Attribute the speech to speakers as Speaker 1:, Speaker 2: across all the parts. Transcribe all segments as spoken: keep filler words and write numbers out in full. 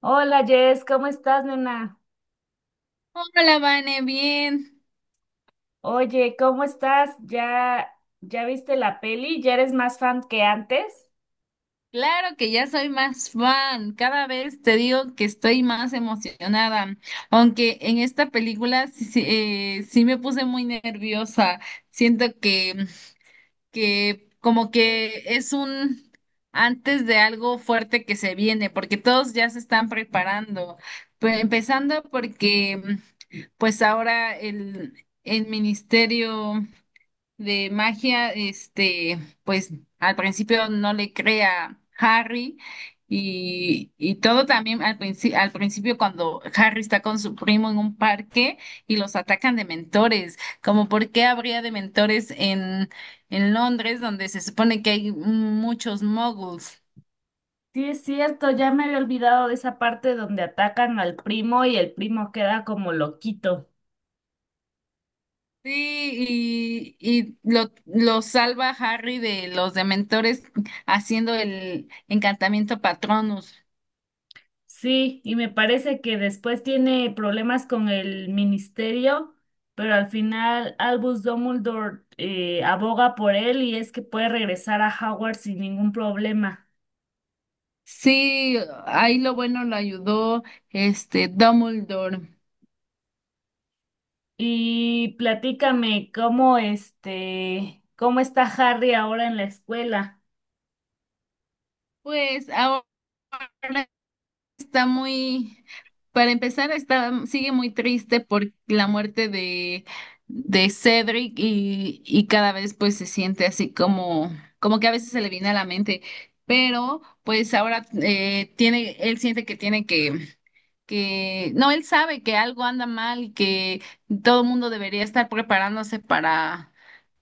Speaker 1: Hola Jess, ¿cómo estás, nena?
Speaker 2: Hola, Vane, bien.
Speaker 1: Oye, ¿cómo estás? ¿Ya, ya viste la peli? ¿Ya eres más fan que antes?
Speaker 2: Claro que ya soy más fan. Cada vez te digo que estoy más emocionada. Aunque en esta película sí, sí, eh, sí me puse muy nerviosa. Siento que, que como que es un antes de algo fuerte que se viene, porque todos ya se están preparando. Pe- empezando porque pues ahora el, el ministerio de magia, este, pues al principio no le crea Harry y, y todo también al principio, al principio cuando Harry está con su primo en un parque y los atacan de mentores, como por qué habría de mentores en, en Londres donde se supone que hay muchos muggles.
Speaker 1: Sí, es cierto, ya me había olvidado de esa parte donde atacan al primo y el primo queda como loquito.
Speaker 2: Sí, y, y lo, lo salva Harry de los dementores haciendo el encantamiento Patronus.
Speaker 1: Sí, y me parece que después tiene problemas con el ministerio, pero al final Albus Dumbledore eh, aboga por él y es que puede regresar a Howard sin ningún problema.
Speaker 2: Sí, ahí lo bueno lo ayudó este Dumbledore.
Speaker 1: Y platícame cómo este, cómo está Harry ahora en la escuela.
Speaker 2: Pues ahora está muy, para empezar, está, sigue muy triste por la muerte de, de Cedric y, y cada vez pues se siente así como, como que a veces se le viene a la mente, pero pues ahora eh, tiene, él siente que tiene que que no, él sabe que algo anda mal y que todo el mundo debería estar preparándose para,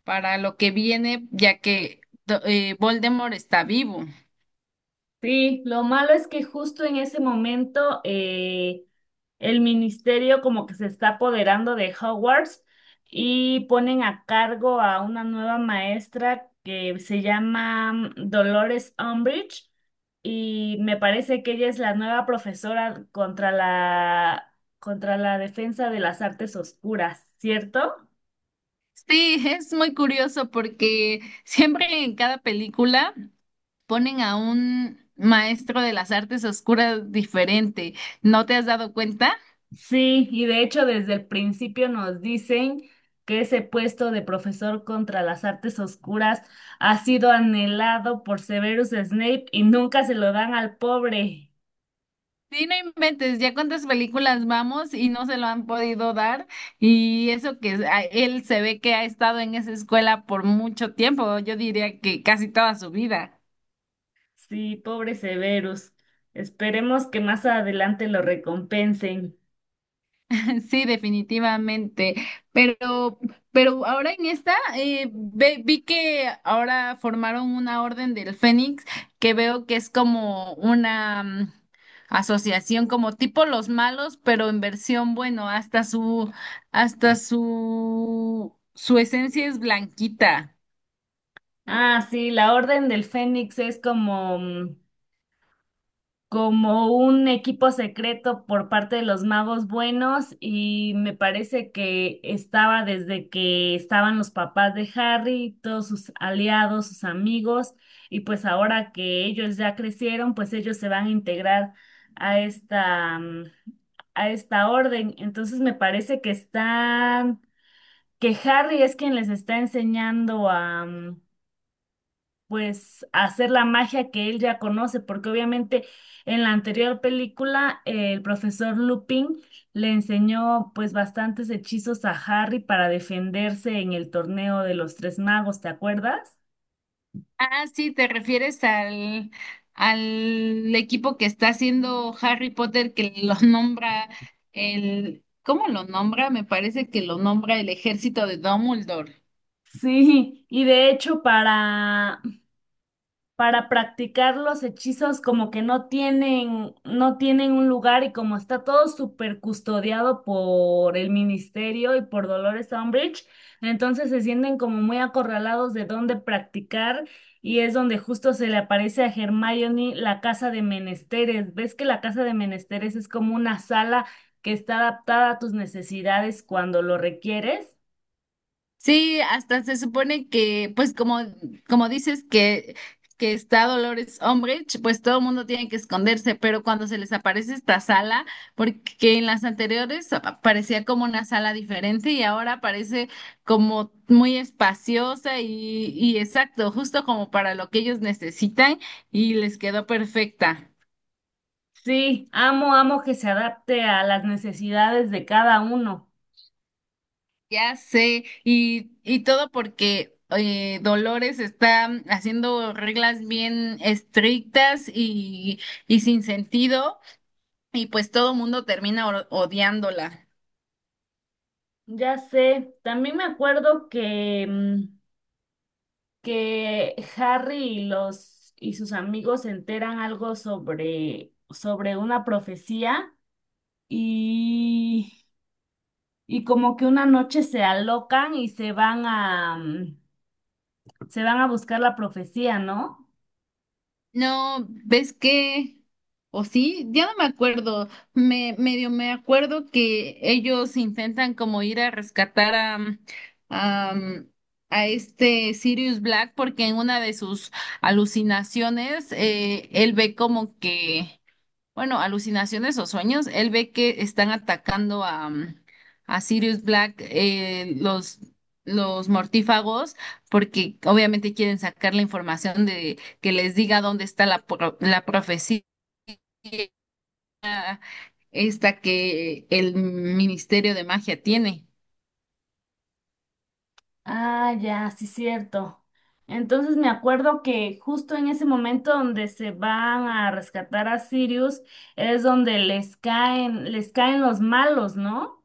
Speaker 2: para lo que viene, ya que do- eh, Voldemort está vivo.
Speaker 1: Sí, lo malo es que justo en ese momento eh, el ministerio como que se está apoderando de Hogwarts y ponen a cargo a una nueva maestra que se llama Dolores Umbridge y me parece que ella es la nueva profesora contra la contra la defensa de las artes oscuras, ¿cierto?
Speaker 2: Sí, es muy curioso porque siempre en cada película ponen a un maestro de las artes oscuras diferente. ¿No te has dado cuenta?
Speaker 1: Sí, y de hecho desde el principio nos dicen que ese puesto de profesor contra las artes oscuras ha sido anhelado por Severus Snape y nunca se lo dan al pobre.
Speaker 2: Sí, no inventes, ya cuántas películas vamos y no se lo han podido dar. Y eso que a- él se ve que ha estado en esa escuela por mucho tiempo, yo diría que casi toda su vida.
Speaker 1: Sí, pobre Severus. Esperemos que más adelante lo recompensen.
Speaker 2: Sí, definitivamente. Pero, pero ahora en esta eh, ve- vi que ahora formaron una Orden del Fénix que veo que es como una mm, asociación como tipo los malos, pero en versión bueno, hasta su hasta su su esencia es blanquita.
Speaker 1: Ah, sí, la Orden del Fénix es como mm, como un equipo secreto por parte de los magos buenos y me parece que estaba desde que estaban los papás de Harry, todos sus aliados, sus amigos, y pues ahora que ellos ya crecieron, pues ellos se van a integrar a esta mm, a esta orden. Entonces me parece que están que Harry es quien les está enseñando a mm, pues hacer la magia que él ya conoce, porque obviamente en la anterior película eh, el profesor Lupin le enseñó pues bastantes hechizos a Harry para defenderse en el torneo de los tres magos, ¿te acuerdas?
Speaker 2: Ah, sí, te refieres al, al equipo que está haciendo Harry Potter que lo nombra el, ¿cómo lo nombra? Me parece que lo nombra el ejército de Dumbledore.
Speaker 1: Sí, y de hecho para para practicar los hechizos como que no tienen, no tienen un lugar, y como está todo súper custodiado por el ministerio y por Dolores Umbridge, entonces se sienten como muy acorralados de dónde practicar y es donde justo se le aparece a Hermione la casa de menesteres. ¿Ves que la casa de menesteres es como una sala que está adaptada a tus necesidades cuando lo requieres?
Speaker 2: Sí, hasta se supone que, pues como, como dices que, que está Dolores Umbridge, pues todo el mundo tiene que esconderse, pero cuando se les aparece esta sala, porque en las anteriores apa- parecía como una sala diferente y ahora parece como muy espaciosa y, y exacto, justo como para lo que ellos necesitan y les quedó perfecta.
Speaker 1: Sí, amo, amo que se adapte a las necesidades de cada uno.
Speaker 2: Ya sé, y, y todo porque eh, Dolores está haciendo reglas bien estrictas y, y sin sentido, y pues todo el mundo termina o- odiándola.
Speaker 1: Ya sé, también me acuerdo que, mm, que Harry y los y sus amigos se enteran algo sobre, sobre una profecía y, y como que una noche se alocan y se van a mm, se van a buscar la profecía, ¿no?
Speaker 2: No, ¿ves qué? ¿O sí? Ya no me acuerdo. Me medio me acuerdo que ellos intentan como ir a rescatar a, a, a este Sirius Black porque en una de sus alucinaciones eh, él ve como que bueno, alucinaciones o sueños, él ve que están atacando a, mm, a Sirius Black, eh, los, los mortífagos, porque obviamente quieren sacar la información de que les diga dónde está la, pro- la profecía esta que el Ministerio de Magia tiene.
Speaker 1: Ah, ya, sí, cierto. Entonces me acuerdo que justo en ese momento donde se van a rescatar a Sirius es donde les caen, les caen los malos, ¿no?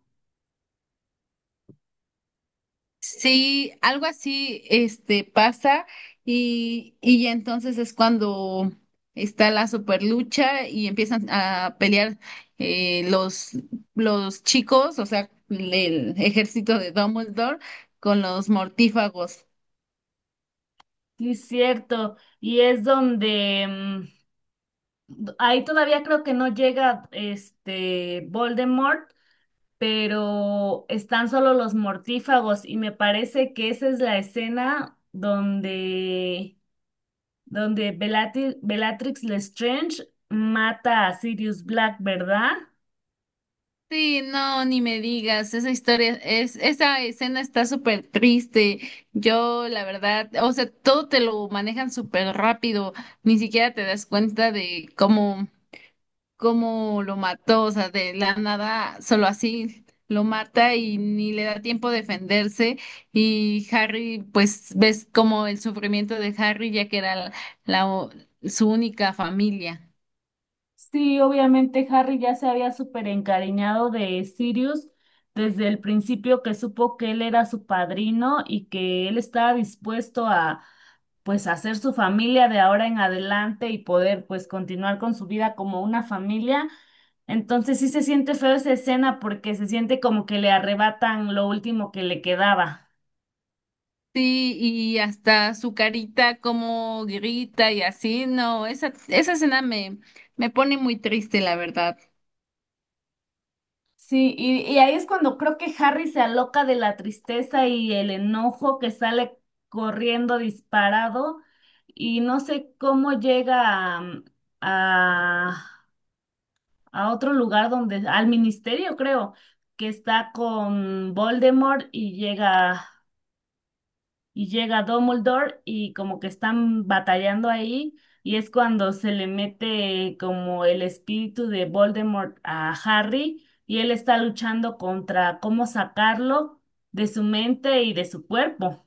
Speaker 2: Sí, algo así, este, pasa y, y ya entonces es cuando está la super lucha y empiezan a pelear eh, los, los chicos, o sea, el ejército de Dumbledore con los mortífagos.
Speaker 1: Sí, es cierto. Y es donde mm, ahí todavía creo que no llega este Voldemort, pero están solo los mortífagos. Y me parece que esa es la escena donde, donde Belati- Bellatrix Lestrange mata a Sirius Black, ¿verdad?
Speaker 2: Sí, no, ni me digas, esa historia es, esa escena está súper triste. Yo, la verdad, o sea, todo te lo manejan súper rápido, ni siquiera te das cuenta de cómo cómo lo mató, o sea, de la nada, solo así lo mata y ni le da tiempo a defenderse. Y Harry, pues ves como el sufrimiento de Harry, ya que era la, la- su única familia.
Speaker 1: Sí, obviamente Harry ya se había súper encariñado de Sirius desde el principio que supo que él era su padrino y que él estaba dispuesto a pues hacer su familia de ahora en adelante y poder pues continuar con su vida como una familia. Entonces sí se siente feo esa escena porque se siente como que le arrebatan lo último que le quedaba.
Speaker 2: Sí, y hasta su carita como grita y así, no, esa, esa escena me, me pone muy triste, la verdad.
Speaker 1: Sí, y, y ahí es cuando creo que Harry se aloca de la tristeza y el enojo que sale corriendo disparado y no sé cómo llega a, a, a otro lugar donde, al ministerio creo, que está con Voldemort y llega y llega Dumbledore y como que están batallando ahí, y es cuando se le mete como el espíritu de Voldemort a Harry y él está luchando contra cómo sacarlo de su mente y de su cuerpo.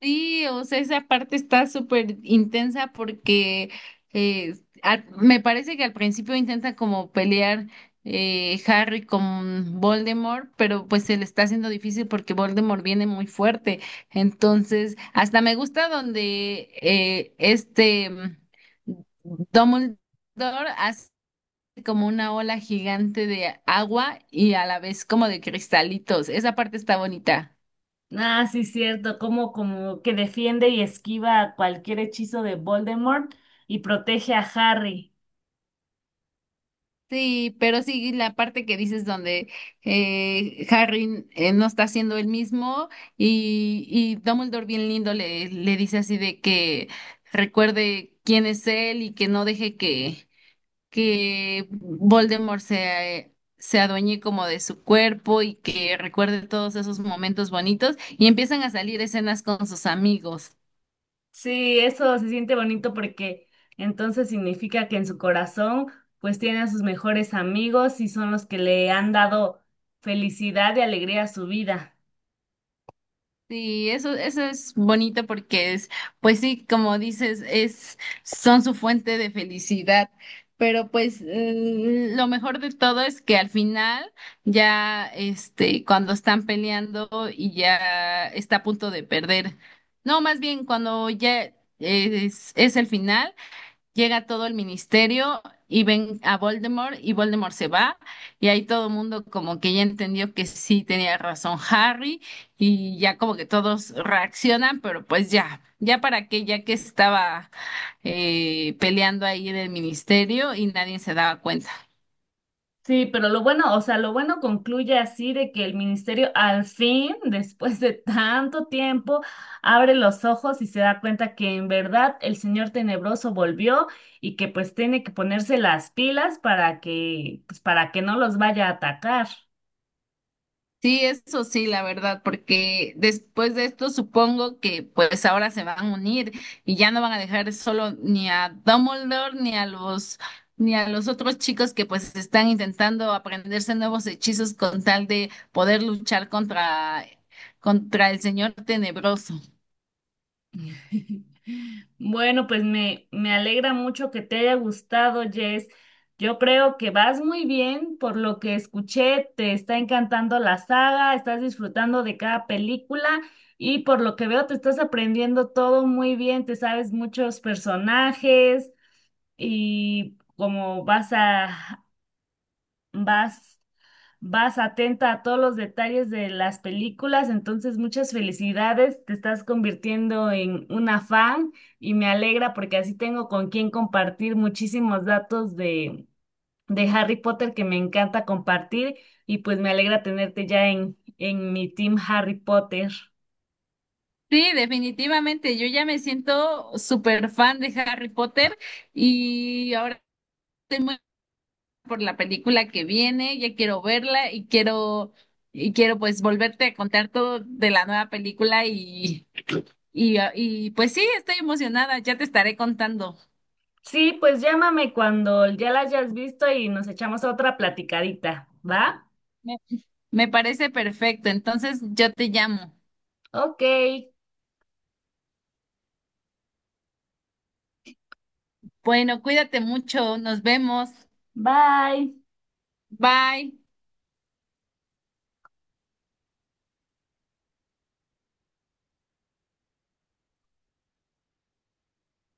Speaker 2: Sí, o sea, esa parte está súper intensa porque eh, al- me parece que al principio intenta como pelear eh, Harry con Voldemort, pero pues se le está haciendo difícil porque Voldemort viene muy fuerte. Entonces, hasta me gusta donde eh, este mm, Dumbledore hace como una ola gigante de agua y a la vez como de cristalitos. Esa parte está bonita.
Speaker 1: Ah, sí, cierto, como, como que defiende y esquiva cualquier hechizo de Voldemort y protege a Harry.
Speaker 2: Sí, pero sí, la parte que dices donde eh, Harry eh, no está siendo el mismo y, y Dumbledore bien lindo le, le dice así de que recuerde quién es él y que no deje que, que Voldemort se, se adueñe como de su cuerpo y que recuerde todos esos momentos bonitos y empiezan a salir escenas con sus amigos.
Speaker 1: Sí, eso se siente bonito porque entonces significa que en su corazón pues tiene a sus mejores amigos y son los que le han dado felicidad y alegría a su vida.
Speaker 2: Sí, eso, eso es bonito porque es, pues sí, como dices, es, son su fuente de felicidad. Pero pues mm, lo mejor de todo es que al final, ya este, cuando están peleando y ya está a punto de perder. No, más bien cuando ya es, es el final, llega todo el ministerio y ven a Voldemort y Voldemort se va y ahí todo el mundo como que ya entendió que sí tenía razón Harry y ya como que todos reaccionan, pero pues ya, ya para qué, ya que estaba eh, peleando ahí en el ministerio y nadie se daba cuenta.
Speaker 1: Sí, pero lo bueno, o sea, lo bueno concluye así de que el ministerio al fin, después de tanto tiempo, abre los ojos y se da cuenta que en verdad el señor tenebroso volvió, y que pues tiene que ponerse las pilas para que pues para que no los vaya a atacar.
Speaker 2: Sí, eso sí, la verdad, porque después de esto supongo que pues ahora se van a unir y ya no van a dejar solo ni a Dumbledore ni a los ni a los otros chicos que pues están intentando aprenderse nuevos hechizos con tal de poder luchar contra contra el Señor Tenebroso.
Speaker 1: Bueno, pues me, me alegra mucho que te haya gustado, Jess. Yo creo que vas muy bien, por lo que escuché, te está encantando la saga, estás disfrutando de cada película y por lo que veo te estás aprendiendo todo muy bien, te sabes muchos personajes y como vas a, vas Vas atenta a todos los detalles de las películas, entonces muchas felicidades, te estás convirtiendo en una fan y me alegra porque así tengo con quien compartir muchísimos datos de, de Harry Potter que me encanta compartir y pues me alegra tenerte ya en, en mi team Harry Potter.
Speaker 2: Sí, definitivamente, yo ya me siento súper fan de Harry Potter y ahora estoy muy por la película que viene, ya quiero verla y quiero y quiero pues volverte a contar todo de la nueva película y y, ah, y pues sí, estoy emocionada, ya te estaré contando.
Speaker 1: Sí, pues llámame cuando ya la hayas visto y nos echamos otra platicadita, ¿va?
Speaker 2: Me, Me parece perfecto, entonces yo te llamo.
Speaker 1: Ok,
Speaker 2: Bueno, cuídate mucho, nos vemos.
Speaker 1: bye.
Speaker 2: Bye.